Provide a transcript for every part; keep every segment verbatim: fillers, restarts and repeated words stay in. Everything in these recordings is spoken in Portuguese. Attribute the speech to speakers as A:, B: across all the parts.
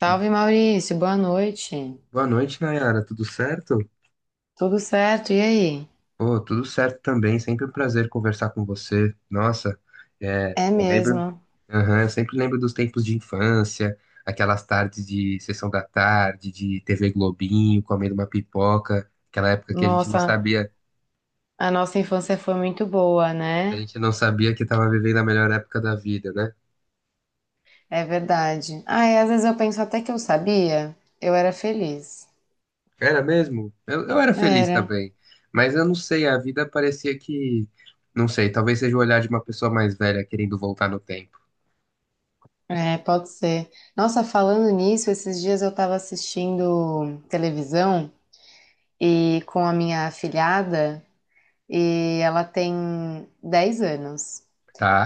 A: Salve Maurício, boa noite.
B: Boa noite, Nayara. Tudo certo?
A: Tudo certo? E aí?
B: Pô, tudo certo também. Sempre um prazer conversar com você. Nossa, é,
A: É
B: eu lembro.
A: mesmo.
B: Aham, eu sempre lembro dos tempos de infância, aquelas tardes de sessão da tarde, de T V Globinho, comendo uma pipoca, aquela época que a gente não
A: Nossa,
B: sabia,
A: a nossa infância foi muito boa,
B: a
A: né?
B: gente não sabia que estava vivendo a melhor época da vida, né?
A: É verdade. Ah, e às vezes eu penso até que eu sabia, eu era feliz.
B: Era mesmo? Eu, eu era feliz
A: Era.
B: também, mas eu não sei, a vida parecia que, não sei, talvez seja o olhar de uma pessoa mais velha querendo voltar no tempo.
A: É, pode ser. Nossa, falando nisso, esses dias eu tava assistindo televisão e com a minha afilhada e ela tem dez anos.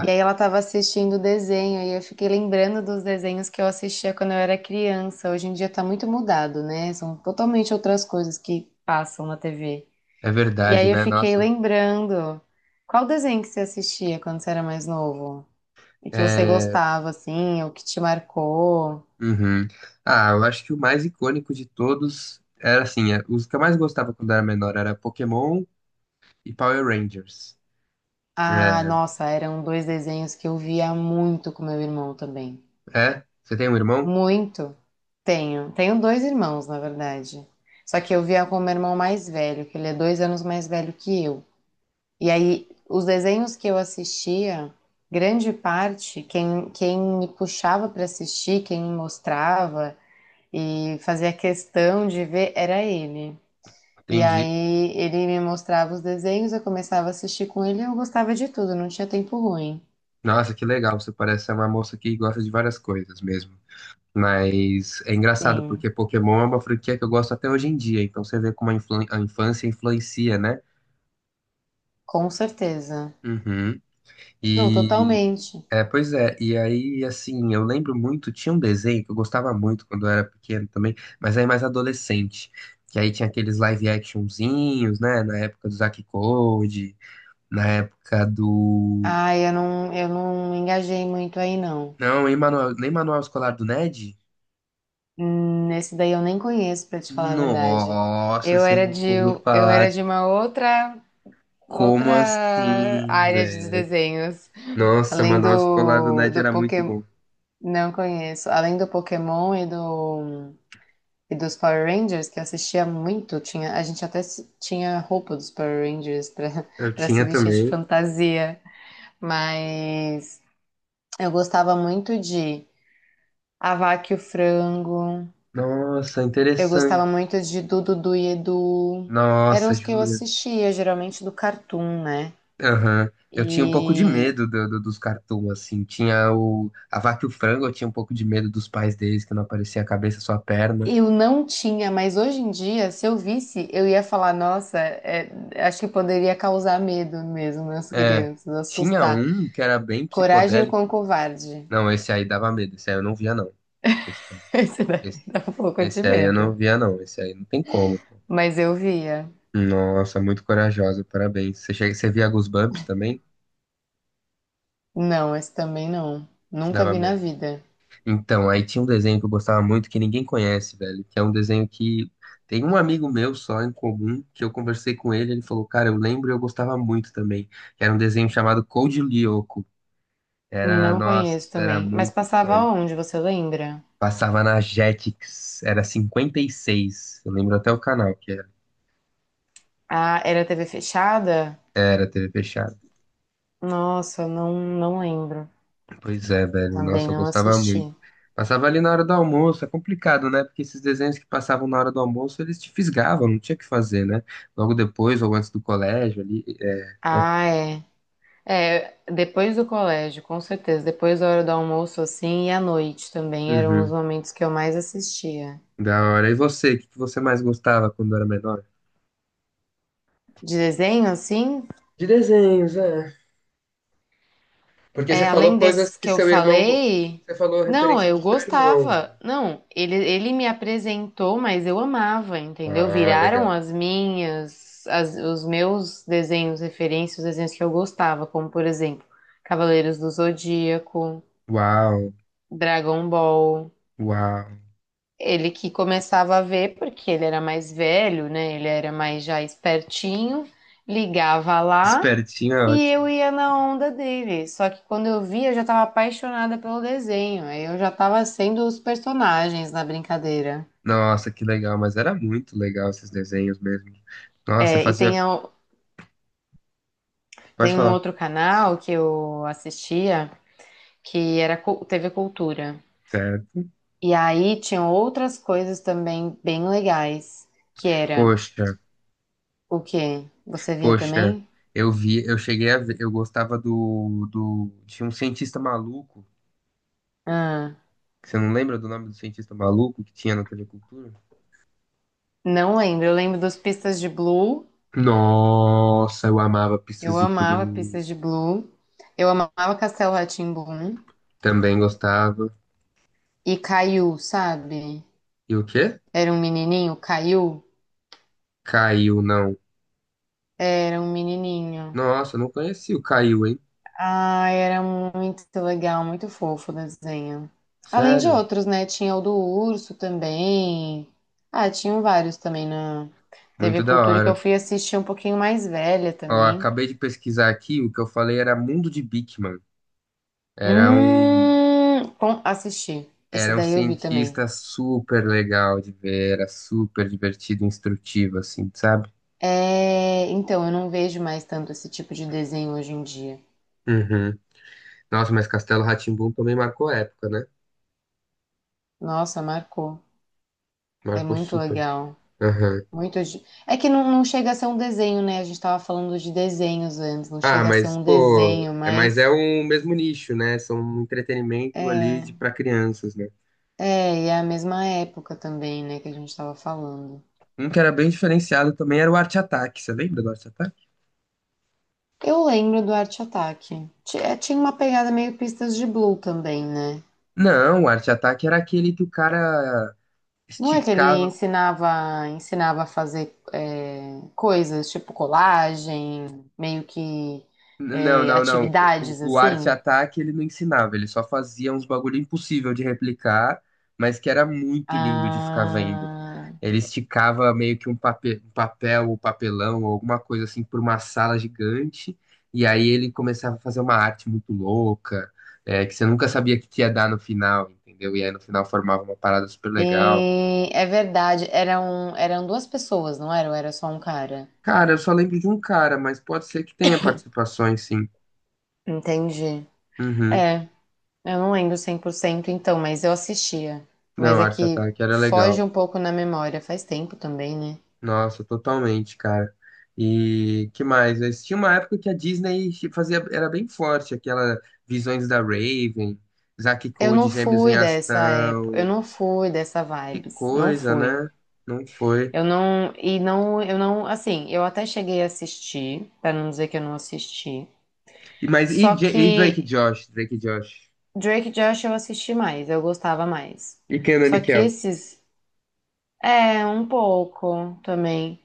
A: E aí ela estava assistindo o desenho e eu fiquei lembrando dos desenhos que eu assistia quando eu era criança. Hoje em dia tá muito mudado, né? São totalmente outras coisas que passam na T V.
B: É
A: E
B: verdade,
A: aí eu
B: né?
A: fiquei
B: Nossa.
A: lembrando. Qual desenho que você assistia quando você era mais novo? E que você
B: É...
A: gostava, assim, ou que te marcou?
B: uhum. Ah, eu acho que o mais icônico de todos era assim, é, os que eu mais gostava quando era menor era Pokémon e Power Rangers.
A: Ah,
B: É,
A: nossa, eram dois desenhos que eu via muito com meu irmão também.
B: é? Você tem um irmão?
A: Muito. Tenho. Tenho dois irmãos, na verdade. Só que eu via com o meu irmão mais velho, que ele é dois anos mais velho que eu. E aí, os desenhos que eu assistia, grande parte, quem, quem me puxava para assistir, quem me mostrava e fazia questão de ver era ele. E
B: Entendi.
A: aí, ele me mostrava os desenhos, eu começava a assistir com ele e eu gostava de tudo, não tinha tempo ruim.
B: Nossa, que legal. Você parece ser uma moça que gosta de várias coisas mesmo. Mas é engraçado,
A: Sim,
B: porque Pokémon é uma franquia que eu gosto até hoje em dia. Então você vê como a, influ- a infância influencia, né?
A: com certeza.
B: Uhum.
A: Não,
B: E
A: totalmente.
B: é, pois é, e aí assim, eu lembro muito, tinha um desenho que eu gostava muito quando eu era pequeno também, mas aí mais adolescente, que aí tinha aqueles live actionzinhos, né, na época do Zack Code, na época do.
A: Ah, eu não, eu não engajei muito aí, não.
B: Não, em manual, nem manual escolar do Ned?
A: Hum, esse daí eu nem conheço, pra te falar a verdade.
B: Nossa,
A: Eu
B: você
A: era de,
B: nunca ouviu
A: eu
B: falar
A: era
B: de.
A: de uma outra,
B: Como
A: outra
B: assim,
A: área de
B: velho?
A: desenhos.
B: Nossa,
A: Além
B: manual escolar do
A: do,
B: Ned
A: do
B: era muito
A: Pokémon,
B: bom.
A: não conheço. Além do Pokémon e do, e dos Power Rangers, que eu assistia muito, tinha, a gente até se- tinha roupa dos Power Rangers para
B: Eu
A: para se
B: tinha
A: vestir de
B: também.
A: fantasia. Mas eu gostava muito de A Vaca e o Frango.
B: Nossa,
A: Eu gostava
B: interessante.
A: muito de Dudu Du e Edu. Eram
B: Nossa,
A: os que eu
B: juro.
A: assistia, geralmente do Cartoon, né?
B: Aham. Eu tinha um pouco de
A: E
B: medo do- do- dos cartoons, assim. Tinha o... A Vaca e o Frango, eu tinha um pouco de medo dos pais deles, que não aparecia a cabeça, só a perna.
A: eu não tinha, mas hoje em dia, se eu visse, eu ia falar, nossa, é, acho que poderia causar medo mesmo nas
B: É.
A: crianças,
B: Tinha
A: assustar.
B: um que era bem
A: Coragem com
B: psicodélico.
A: o covarde.
B: Não, esse aí dava medo. Esse aí eu não via, não. Esse,
A: Esse daí
B: esse,
A: dá um pouco de
B: esse aí eu não
A: medo.
B: via, não. Esse aí não tem como, pô.
A: Mas eu via.
B: Nossa, muito corajosa, parabéns. Você, chega, você via Goosebumps também?
A: Não, esse também não.
B: Isso
A: Nunca
B: dava
A: vi na
B: medo.
A: vida.
B: Então, aí tinha um desenho que eu gostava muito que ninguém conhece, velho, que é um desenho que tem um amigo meu só em comum, que eu conversei com ele, ele falou, cara, eu lembro e eu gostava muito também. Que era um desenho chamado Code Lyoko. Era,
A: Não
B: nossa,
A: conheço
B: era
A: também. Mas
B: muito
A: passava
B: icônico.
A: onde, você lembra?
B: Passava na Jetix, era cinquenta e seis, eu lembro até o canal que era,
A: Ah, era T V fechada?
B: era T V fechada.
A: Nossa, não, não lembro.
B: Pois é, velho.
A: Também
B: Nossa, eu
A: não
B: gostava muito.
A: assisti.
B: Passava ali na hora do almoço, é complicado, né? Porque esses desenhos que passavam na hora do almoço, eles te fisgavam, não tinha o que fazer, né? Logo depois ou antes do colégio ali. É.
A: Ah, é. É, depois do colégio, com certeza. Depois da hora do almoço, assim, e à noite também eram os
B: Uhum.
A: momentos que eu mais assistia.
B: Da hora. E você, o que que você mais gostava quando era menor?
A: De desenho, assim,
B: De desenhos, é. Porque você
A: é,
B: falou
A: além
B: coisas
A: desses
B: que
A: que eu
B: seu irmão. go-
A: falei,
B: Você falou
A: não,
B: referências
A: eu
B: do seu irmão.
A: gostava. Não, ele, ele me apresentou, mas eu amava, entendeu?
B: Ah,
A: Viraram
B: legal.
A: as minhas, as- os meus desenhos, referências, os desenhos que eu gostava, como, por exemplo, Cavaleiros do Zodíaco.
B: Uau,
A: Dragon Ball.
B: uau.
A: Ele que começava a ver, porque ele era mais velho, né? Ele era mais já espertinho, ligava lá
B: Espertinho é
A: e
B: ótimo.
A: eu ia na onda dele. Só que quando eu via, eu já estava apaixonada pelo desenho. Aí eu já estava sendo os personagens na brincadeira.
B: Nossa, que legal, mas era muito legal esses desenhos mesmo. Nossa,
A: É, e
B: fazia.
A: tem, a-
B: Pode
A: tem um
B: falar.
A: outro canal que eu assistia que era cu- T V Cultura.
B: Certo.
A: E aí tinham outras coisas também bem legais, que era
B: Poxa,
A: o quê? Você via
B: poxa,
A: também?
B: eu vi, eu cheguei a ver, eu gostava do, do, tinha um cientista maluco,
A: Ah,
B: que você não lembra do nome do cientista maluco que tinha na T V Cultura?
A: não lembro. Eu lembro dos Pistas de Blue.
B: Nossa, eu amava
A: Eu
B: Pistas de
A: amava
B: Blue,
A: Pistas de Blue. Eu amava Castelo rá tim
B: também gostava.
A: e Caiu, sabe?
B: E o quê?
A: Era um menininho, Caiu.
B: Caiu, não.
A: Era um menininho.
B: Nossa, eu não conheci o Caiu, hein?
A: Ah, era muito legal, muito fofo o desenho. Além de
B: Sério?
A: outros, né? Tinha o do urso também. Ah, tinham vários também na
B: Muito
A: T V
B: da
A: Cultura que eu
B: hora.
A: fui assistir um pouquinho mais velha
B: Ó,
A: também.
B: acabei de pesquisar aqui, o que eu falei era Mundo de Beakman. Era um.
A: Hum, bom, assisti. Esse
B: Era um
A: daí eu vi também.
B: cientista super legal de ver, era super divertido, instrutivo, assim, sabe?
A: É, então, eu não vejo mais tanto esse tipo de desenho hoje em dia.
B: Uhum. Nossa, mas Castelo rá tim também marcou época, né?
A: Nossa, marcou. É
B: Marcou
A: muito
B: super.
A: legal.
B: Aham.
A: Muito. de- É que não, não chega a ser um desenho, né? A gente tava falando de desenhos antes, não
B: Ah,
A: chega a ser
B: mas,
A: um
B: pô,
A: desenho,
B: é, mas é
A: mas
B: um mesmo nicho, né? São um entretenimento ali
A: é,
B: de para crianças, né?
A: é, e é a mesma época também, né, que a gente tava falando.
B: Um que era bem diferenciado também era o Arte Ataque. Você lembra do Arte Ataque?
A: Eu lembro do Arte Ataque. Ti- é, tinha uma pegada meio Pistas de Blue também, né?
B: Não, o Arte Ataque era aquele que o cara
A: Não é que ele
B: esticava.
A: ensinava, ensinava a fazer é, coisas tipo colagem, meio que
B: Não,
A: é,
B: não, não. O,
A: atividades
B: o Arte
A: assim?
B: Ataque ele não ensinava, ele só fazia uns bagulho impossível de replicar, mas que era muito lindo de ficar vendo.
A: Ah,
B: Ele esticava meio que um pape- um papel, ou papelão, ou alguma coisa assim, por uma sala gigante, e aí ele começava a fazer uma arte muito louca, é, que você nunca sabia o que que ia dar no final, entendeu? E aí no final formava uma parada super legal.
A: sim, é verdade. Eram, eram duas pessoas, não era? Ou era só um cara?
B: Cara, eu só lembro de um cara, mas pode ser que tenha participações, sim.
A: Entendi.
B: Uhum.
A: É, eu não lembro cem por cento então, mas eu assistia. Mas
B: Não,
A: é
B: Arte
A: que
B: Ataque era
A: foge
B: legal.
A: um pouco na memória, faz tempo também, né?
B: Nossa, totalmente, cara. E que mais? Mas tinha uma época que a Disney fazia, era bem forte, aquela Visões da Raven, Zack e
A: Eu
B: Cody,
A: não
B: Gêmeos em
A: fui dessa época, eu
B: Ação.
A: não fui dessa
B: Que
A: vibes, não
B: coisa,
A: fui.
B: né? Não foi.
A: Eu não, e não, eu não, assim, eu até cheguei a assistir, pra não dizer que eu não assisti.
B: E, mas e,
A: Só
B: Ja- e Drake e
A: que
B: Josh? Drake e Josh.
A: Drake e Josh eu assisti mais, eu gostava mais.
B: E Kenan
A: Só
B: e
A: que
B: Kel.
A: esses, é, um pouco também.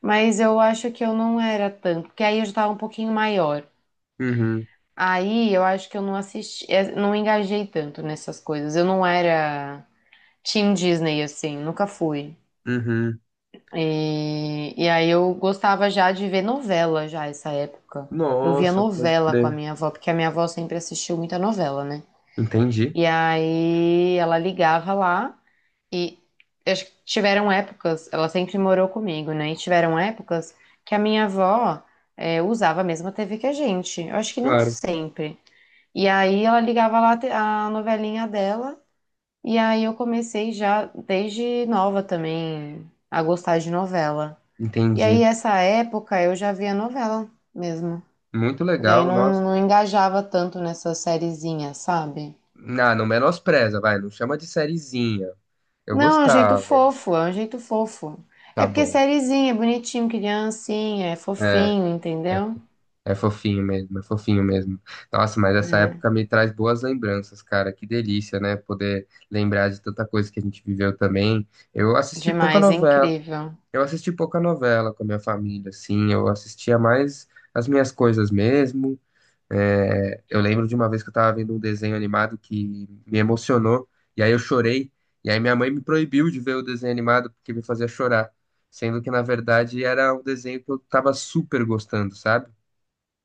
A: Mas eu acho que eu não era tanto, porque aí eu já tava um pouquinho maior.
B: Uhum,
A: Aí eu acho que eu não assisti, é, não engajei tanto nessas coisas. Eu não era Team Disney, assim, nunca fui.
B: uhum.
A: E, e aí eu gostava já de ver novela já essa época. Eu via
B: Nossa, pode
A: novela com a
B: crer.
A: minha avó, porque a minha avó sempre assistiu muita novela, né?
B: Entendi.
A: E aí ela ligava lá e acho que tiveram épocas, ela sempre morou comigo, né? E tiveram épocas que a minha avó é, usava a mesma T V que a gente. Eu acho que não
B: Claro,
A: sempre. E aí ela ligava lá a te- a novelinha dela, e aí eu comecei já desde nova também a gostar de novela. E aí,
B: entendi.
A: essa época, eu já via novela mesmo.
B: Muito
A: E aí
B: legal, nossa.
A: não, não engajava tanto nessa sériezinha, sabe?
B: Não, não menospreza, vai. Não chama de sériezinha. Eu
A: Não, é um jeito
B: gostava.
A: fofo, é um jeito fofo.
B: Tá
A: É porque
B: bom.
A: sériezinha, é bonitinho, criancinha, é
B: É
A: fofinho,
B: é
A: entendeu?
B: é fofinho mesmo, é fofinho mesmo. Nossa, mas essa
A: É,
B: época me traz boas lembranças, cara. Que delícia, né? Poder lembrar de tanta coisa que a gente viveu também. Eu assisti pouca
A: demais, é
B: novela,
A: incrível.
B: eu assisti pouca novela com a minha família, assim. Eu assistia mais as minhas coisas mesmo. É, eu lembro de uma vez que eu tava vendo um desenho animado que me emocionou, e aí eu chorei, e aí minha mãe me proibiu de ver o desenho animado porque me fazia chorar. Sendo que, na verdade, era um desenho que eu tava super gostando, sabe?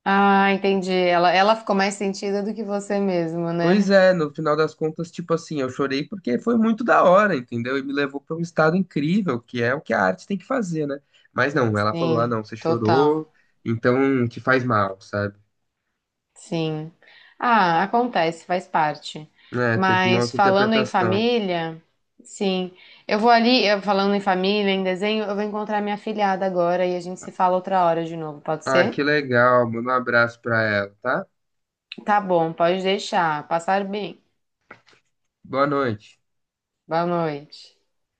A: Ah, entendi. Ela, ela ficou mais sentida do que você mesmo,
B: Pois
A: né?
B: é, no final das contas, tipo assim, eu chorei porque foi muito da hora, entendeu? E me levou para um estado incrível, que é o que a arte tem que fazer, né? Mas não, ela falou: ah,
A: Sim,
B: não, você
A: total.
B: chorou, então te faz mal, sabe?
A: Sim. Ah, acontece, faz parte.
B: É, teve uma
A: Mas
B: outra
A: falando em
B: interpretação.
A: família, sim. Eu vou ali, eu- falando em família, em desenho, eu vou encontrar minha filhada agora e a gente se fala outra hora de novo, pode
B: Ah,
A: ser?
B: que legal, manda um abraço pra ela, tá?
A: Tá bom, pode deixar. Passar bem.
B: Boa noite.
A: Boa noite.